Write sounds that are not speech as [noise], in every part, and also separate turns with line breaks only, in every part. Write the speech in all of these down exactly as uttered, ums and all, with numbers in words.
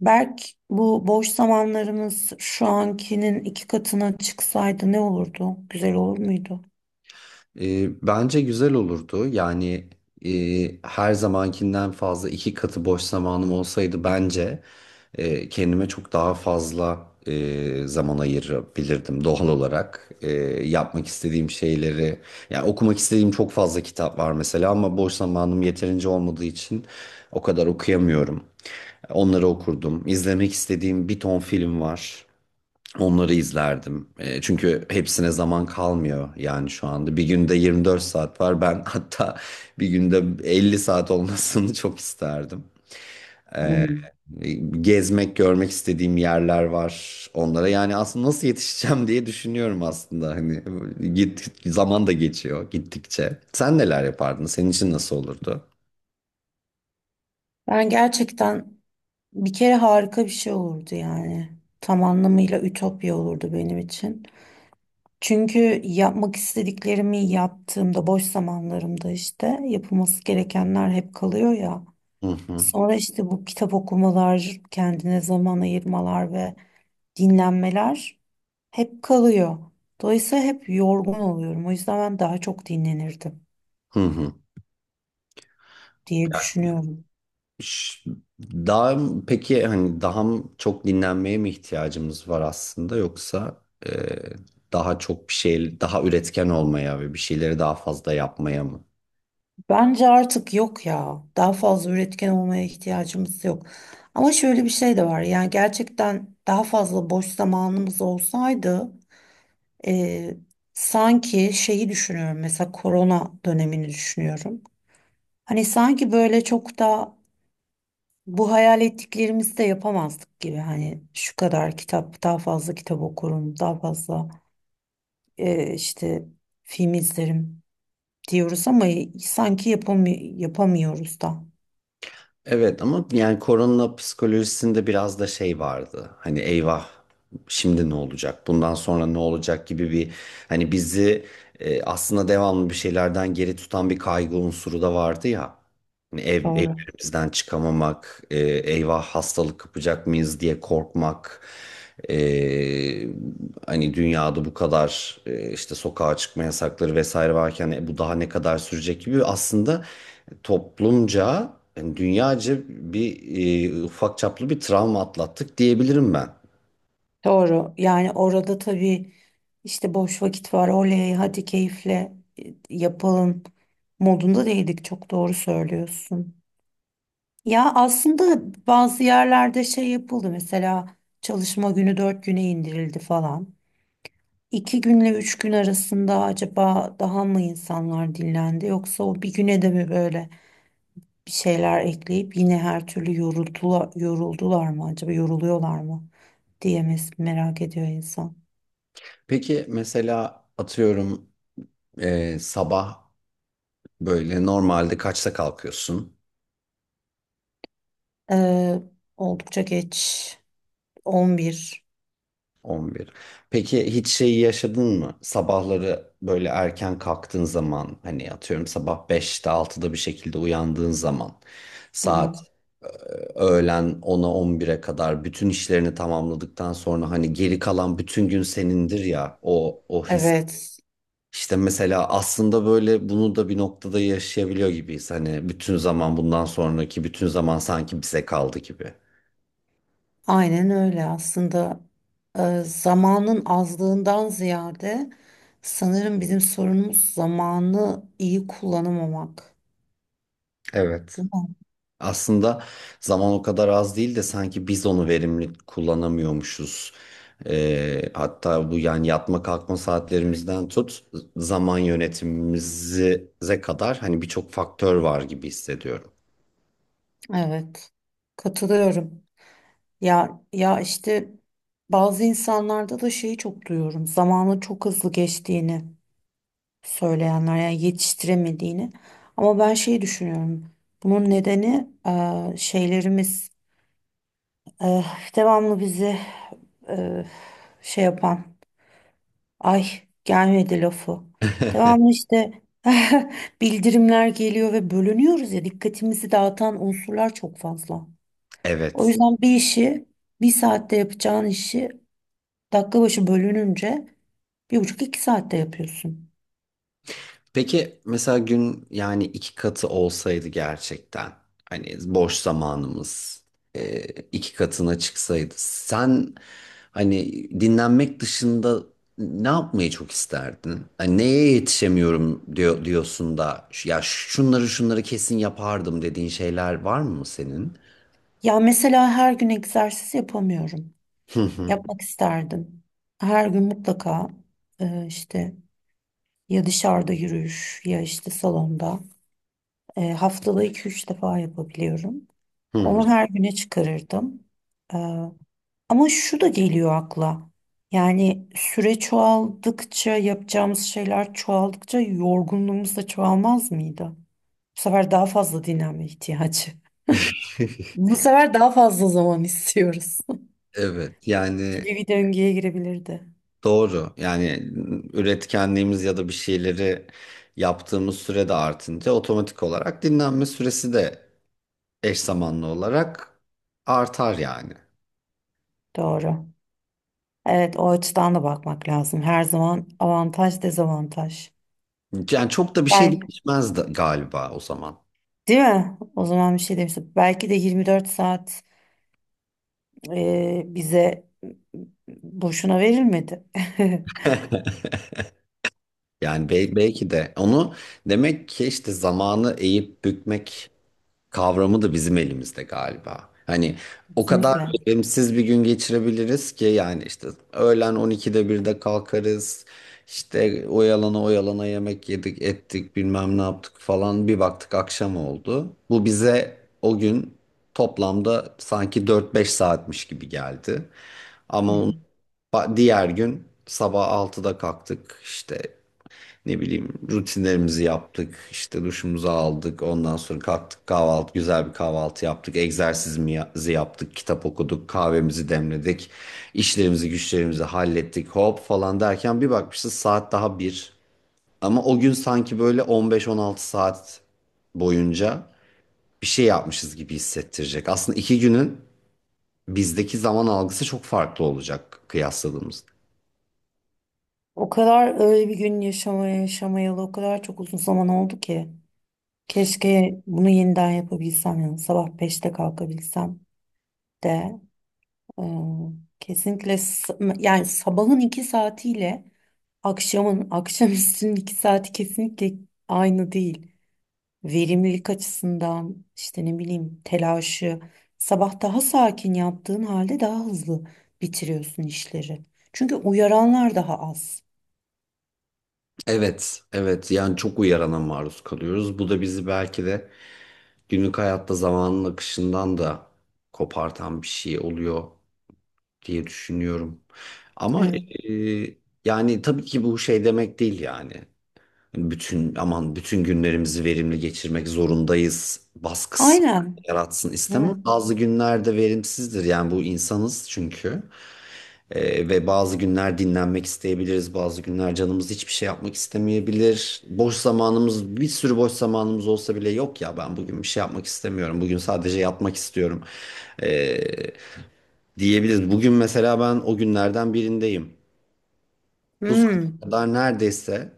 Berk, bu boş zamanlarımız şu ankinin iki katına çıksaydı ne olurdu? Güzel olur muydu?
E, bence güzel olurdu. Yani e, her zamankinden fazla iki katı boş zamanım olsaydı bence e, kendime çok daha fazla e, zaman ayırabilirdim doğal olarak. E, yapmak istediğim şeyleri, yani okumak istediğim çok fazla kitap var mesela ama boş zamanım yeterince olmadığı için o kadar okuyamıyorum. Onları okurdum. İzlemek istediğim bir ton film var. Onları izlerdim. E, çünkü hepsine zaman kalmıyor yani şu anda. Bir günde yirmi dört saat var. Ben [laughs] hatta bir günde elli saat olmasını çok isterdim.
Hmm.
E, gezmek, görmek istediğim yerler var onlara. Yani aslında nasıl yetişeceğim diye düşünüyorum aslında. Hani git zaman da geçiyor gittikçe. Sen neler yapardın? Senin için nasıl olurdu?
Ben gerçekten bir kere harika bir şey olurdu yani. Tam anlamıyla ütopya olurdu benim için. Çünkü yapmak istediklerimi yaptığımda boş zamanlarımda işte yapılması gerekenler hep kalıyor ya.
Hı hı.
Sonra işte bu kitap okumalar, kendine zaman ayırmalar ve dinlenmeler hep kalıyor. Dolayısıyla hep yorgun oluyorum. O yüzden ben daha çok dinlenirdim
Hı hı.
diye düşünüyorum.
Ş- Daha peki hani daha mı- çok dinlenmeye mi ihtiyacımız var aslında, yoksa e, daha çok bir şey daha üretken olmaya ve bir şeyleri daha fazla yapmaya mı?
Bence artık yok ya. Daha fazla üretken olmaya ihtiyacımız yok. Ama şöyle bir şey de var. Yani gerçekten daha fazla boş zamanımız olsaydı, e, sanki şeyi düşünüyorum. Mesela korona dönemini düşünüyorum. Hani sanki böyle çok da bu hayal ettiklerimizi de yapamazdık gibi. Hani şu kadar kitap, daha fazla kitap okurum, daha fazla e, işte film izlerim diyoruz ama sanki yapamı- yapamıyoruz da.
Evet, ama yani korona psikolojisinde biraz da şey vardı. Hani eyvah, şimdi ne olacak? Bundan sonra ne olacak gibi bir, hani bizi, e, aslında devamlı bir şeylerden geri tutan bir kaygı unsuru da vardı ya. Hani ev, ev
Doğru.
bizden çıkamamak, e, eyvah hastalık kapacak mıyız diye korkmak, e, hani dünyada bu kadar e, işte sokağa çıkma yasakları vesaire varken, e, bu daha ne kadar sürecek gibi aslında toplumca, yani dünyaca bir e, ufak çaplı bir travma atlattık diyebilirim ben.
Doğru. Yani orada tabii işte boş vakit var. Oley, hadi keyifle e, yapalım modunda değildik. Çok doğru söylüyorsun. Ya aslında bazı yerlerde şey yapıldı, mesela çalışma günü dört güne indirildi falan. İki günle üç gün arasında acaba daha mı insanlar dinlendi, yoksa o bir güne de mi böyle bir şeyler ekleyip yine her türlü yoruldular, yoruldular mı, acaba yoruluyorlar mı diyemez, merak ediyor insan.
Peki mesela atıyorum e, sabah böyle normalde kaçta kalkıyorsun?
Ee, oldukça geç, on bir.
on bir. Peki hiç şeyi yaşadın mı? Sabahları böyle erken kalktığın zaman hani atıyorum sabah beşte altıda bir şekilde uyandığın zaman
Aha,
saat öğlen ona on bire kadar bütün işlerini tamamladıktan sonra hani geri kalan bütün gün senindir ya, o o his.
evet,
İşte mesela aslında böyle bunu da bir noktada yaşayabiliyor gibiyiz. Hani bütün zaman, bundan sonraki bütün zaman sanki bize kaldı gibi.
aynen öyle aslında. E, zamanın azlığından ziyade sanırım bizim sorunumuz zamanı iyi kullanamamak.
Evet.
Değil mi?
Aslında zaman o kadar az değil de sanki biz onu verimli kullanamıyormuşuz. Ee, hatta bu, yani yatma kalkma saatlerimizden tut zaman yönetimimize kadar hani birçok faktör var gibi hissediyorum.
Evet, katılıyorum. Ya ya işte bazı insanlarda da şeyi çok duyuyorum. Zamanın çok hızlı geçtiğini söyleyenler, yani yetiştiremediğini. Ama ben şeyi düşünüyorum. Bunun nedeni e, şeylerimiz, e, devamlı bizi e, şey yapan "ay, gelmedi" lafı. Devamlı
[laughs]
işte [laughs] bildirimler geliyor ve bölünüyoruz ya, dikkatimizi dağıtan unsurlar çok fazla. O
Evet.
yüzden bir işi, bir saatte yapacağın işi dakika başı bölününce bir buçuk iki saatte yapıyorsun.
Peki mesela gün yani iki katı olsaydı gerçekten hani boş zamanımız e, iki katına çıksaydı sen, hani dinlenmek dışında, ne yapmayı çok isterdin? Hani neye yetişemiyorum diyor, diyorsun da "Şu- ya şunları şunları kesin yapardım" dediğin şeyler var mı senin?
Ya mesela her gün egzersiz yapamıyorum.
Hı hı.
Yapmak isterdim. Her gün mutlaka e, işte ya dışarıda yürüyüş ya işte salonda. E, haftada iki üç defa yapabiliyorum.
Hı hı.
Onu her güne çıkarırdım. E, Ama şu da geliyor akla. Yani süre çoğaldıkça, yapacağımız şeyler çoğaldıkça yorgunluğumuz da çoğalmaz mıydı? Bu sefer daha fazla dinlenme [laughs] ihtiyacı.
[laughs]
Bu sefer daha fazla zaman istiyoruz.
Evet,
[laughs]
yani
Gibi bir döngüye girebilirdi.
doğru. Yani üretkenliğimiz ya da bir şeyleri yaptığımız süre de artınca otomatik olarak dinlenme süresi de eş zamanlı olarak artar yani.
Doğru. Evet, o açıdan da bakmak lazım. Her zaman avantaj, dezavantaj.
Yani çok da bir şey
Belki,
değişmez de galiba o zaman.
değil mi? O zaman bir şey demiştim. Belki de yirmi dört saat e, bize boşuna verilmedi. [laughs]
[laughs] Yani bel- belki de onu, demek ki işte zamanı eğip bükmek kavramı da bizim elimizde galiba. Hani o kadar,
Kesinlikle.
evet, verimsiz bir gün geçirebiliriz ki, yani işte öğlen on ikide birde kalkarız. İşte oyalana oyalana yemek yedik ettik bilmem ne yaptık falan, bir baktık akşam oldu. Bu bize o gün toplamda sanki dört beş saatmiş gibi geldi. Ama
Hı
onun
hı.
Ba- Diğer gün sabah altıda kalktık, işte ne bileyim rutinlerimizi yaptık, işte duşumuzu aldık, ondan sonra kalktık, kahvaltı, güzel bir kahvaltı yaptık, egzersizimizi yaptık, kitap okuduk, kahvemizi demledik, işlerimizi güçlerimizi hallettik hop falan derken bir bakmışız saat daha bir. Ama o gün sanki böyle on beş on altı saat boyunca bir şey yapmışız gibi hissettirecek. Aslında iki günün bizdeki zaman algısı çok farklı olacak kıyasladığımızda.
O kadar öyle bir gün yaşamaya, yaşamayalı o kadar çok uzun zaman oldu ki. Keşke bunu yeniden yapabilsem, yani sabah beşte kalkabilsem de. Ee, Kesinlikle, s- yani sabahın iki saatiyle akşamın [laughs] akşamüstünün iki saati kesinlikle aynı değil. Verimlilik açısından işte ne bileyim, telaşı sabah daha sakin yaptığın halde daha hızlı bitiriyorsun işleri. Çünkü uyaranlar daha az.
Evet, evet, yani çok uyarana maruz kalıyoruz. Bu da bizi belki de günlük hayatta zamanın akışından da kopartan bir şey oluyor diye düşünüyorum. Ama
Evet.
e, yani tabii ki bu şey demek değil yani. Hani Bütün aman, bütün günlerimizi verimli geçirmek zorundayız baskısı
Aynen.
yaratsın istemem.
Evet.
Bazı günlerde verimsizdir yani, bu insanız çünkü. Ee, ve bazı günler dinlenmek isteyebiliriz, bazı günler canımız hiçbir şey yapmak istemeyebilir. Boş zamanımız, bir sürü boş zamanımız olsa bile, yok ya ben bugün bir şey yapmak istemiyorum, bugün sadece yatmak istiyorum ee, diyebiliriz. Bugün mesela ben o günlerden birindeyim. Bu saate
Hmm,
kadar neredeyse,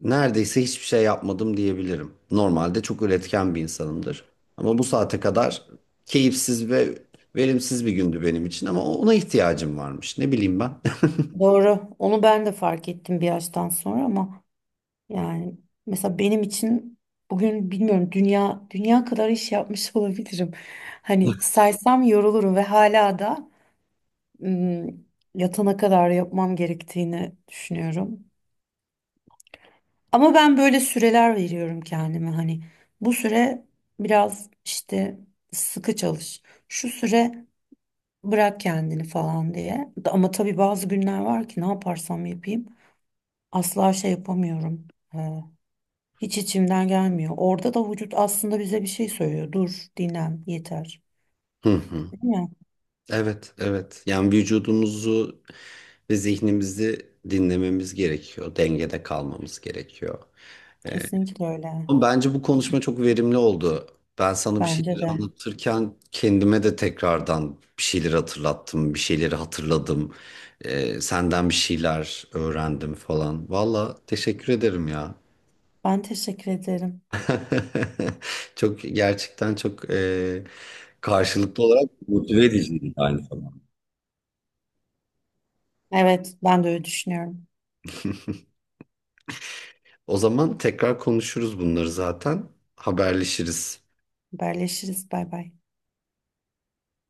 neredeyse hiçbir şey yapmadım diyebilirim. Normalde çok üretken bir insanımdır. Ama bu saate kadar keyifsiz ve verimsiz bir gündü benim için, ama ona ihtiyacım varmış. Ne bileyim ben.
doğru. Onu ben de fark ettim bir yaştan sonra. Ama yani mesela benim için bugün, bilmiyorum, dünya dünya kadar iş yapmış [laughs] olabilirim. Hani saysam yorulurum ve hala da, ım, yatana kadar yapmam gerektiğini düşünüyorum. Ama ben böyle süreler veriyorum kendime, hani bu süre biraz işte sıkı çalış, şu süre bırak kendini falan diye. Ama tabii bazı günler var ki, ne yaparsam yapayım asla şey yapamıyorum. Hiç içimden gelmiyor. Orada da vücut aslında bize bir şey söylüyor: dur, dinlen, yeter. Değil
[laughs]
mi?
Evet, evet. Yani vücudumuzu ve zihnimizi dinlememiz gerekiyor. Dengede kalmamız gerekiyor. Ee,
Kesinlikle öyle.
ama bence bu konuşma çok verimli oldu. Ben sana bir
Bence
şeyleri
de.
anlatırken kendime de tekrardan bir şeyleri hatırlattım, bir şeyleri hatırladım. Ee, senden bir şeyler öğrendim falan. Valla teşekkür ederim ya.
Ben teşekkür ederim.
[laughs] Çok gerçekten çok e, karşılıklı olarak motive ediciydi aynı zamanda.
Evet, ben de öyle düşünüyorum.
O zaman tekrar konuşuruz bunları zaten. Haberleşiriz.
Haberleşiriz. Bay bay.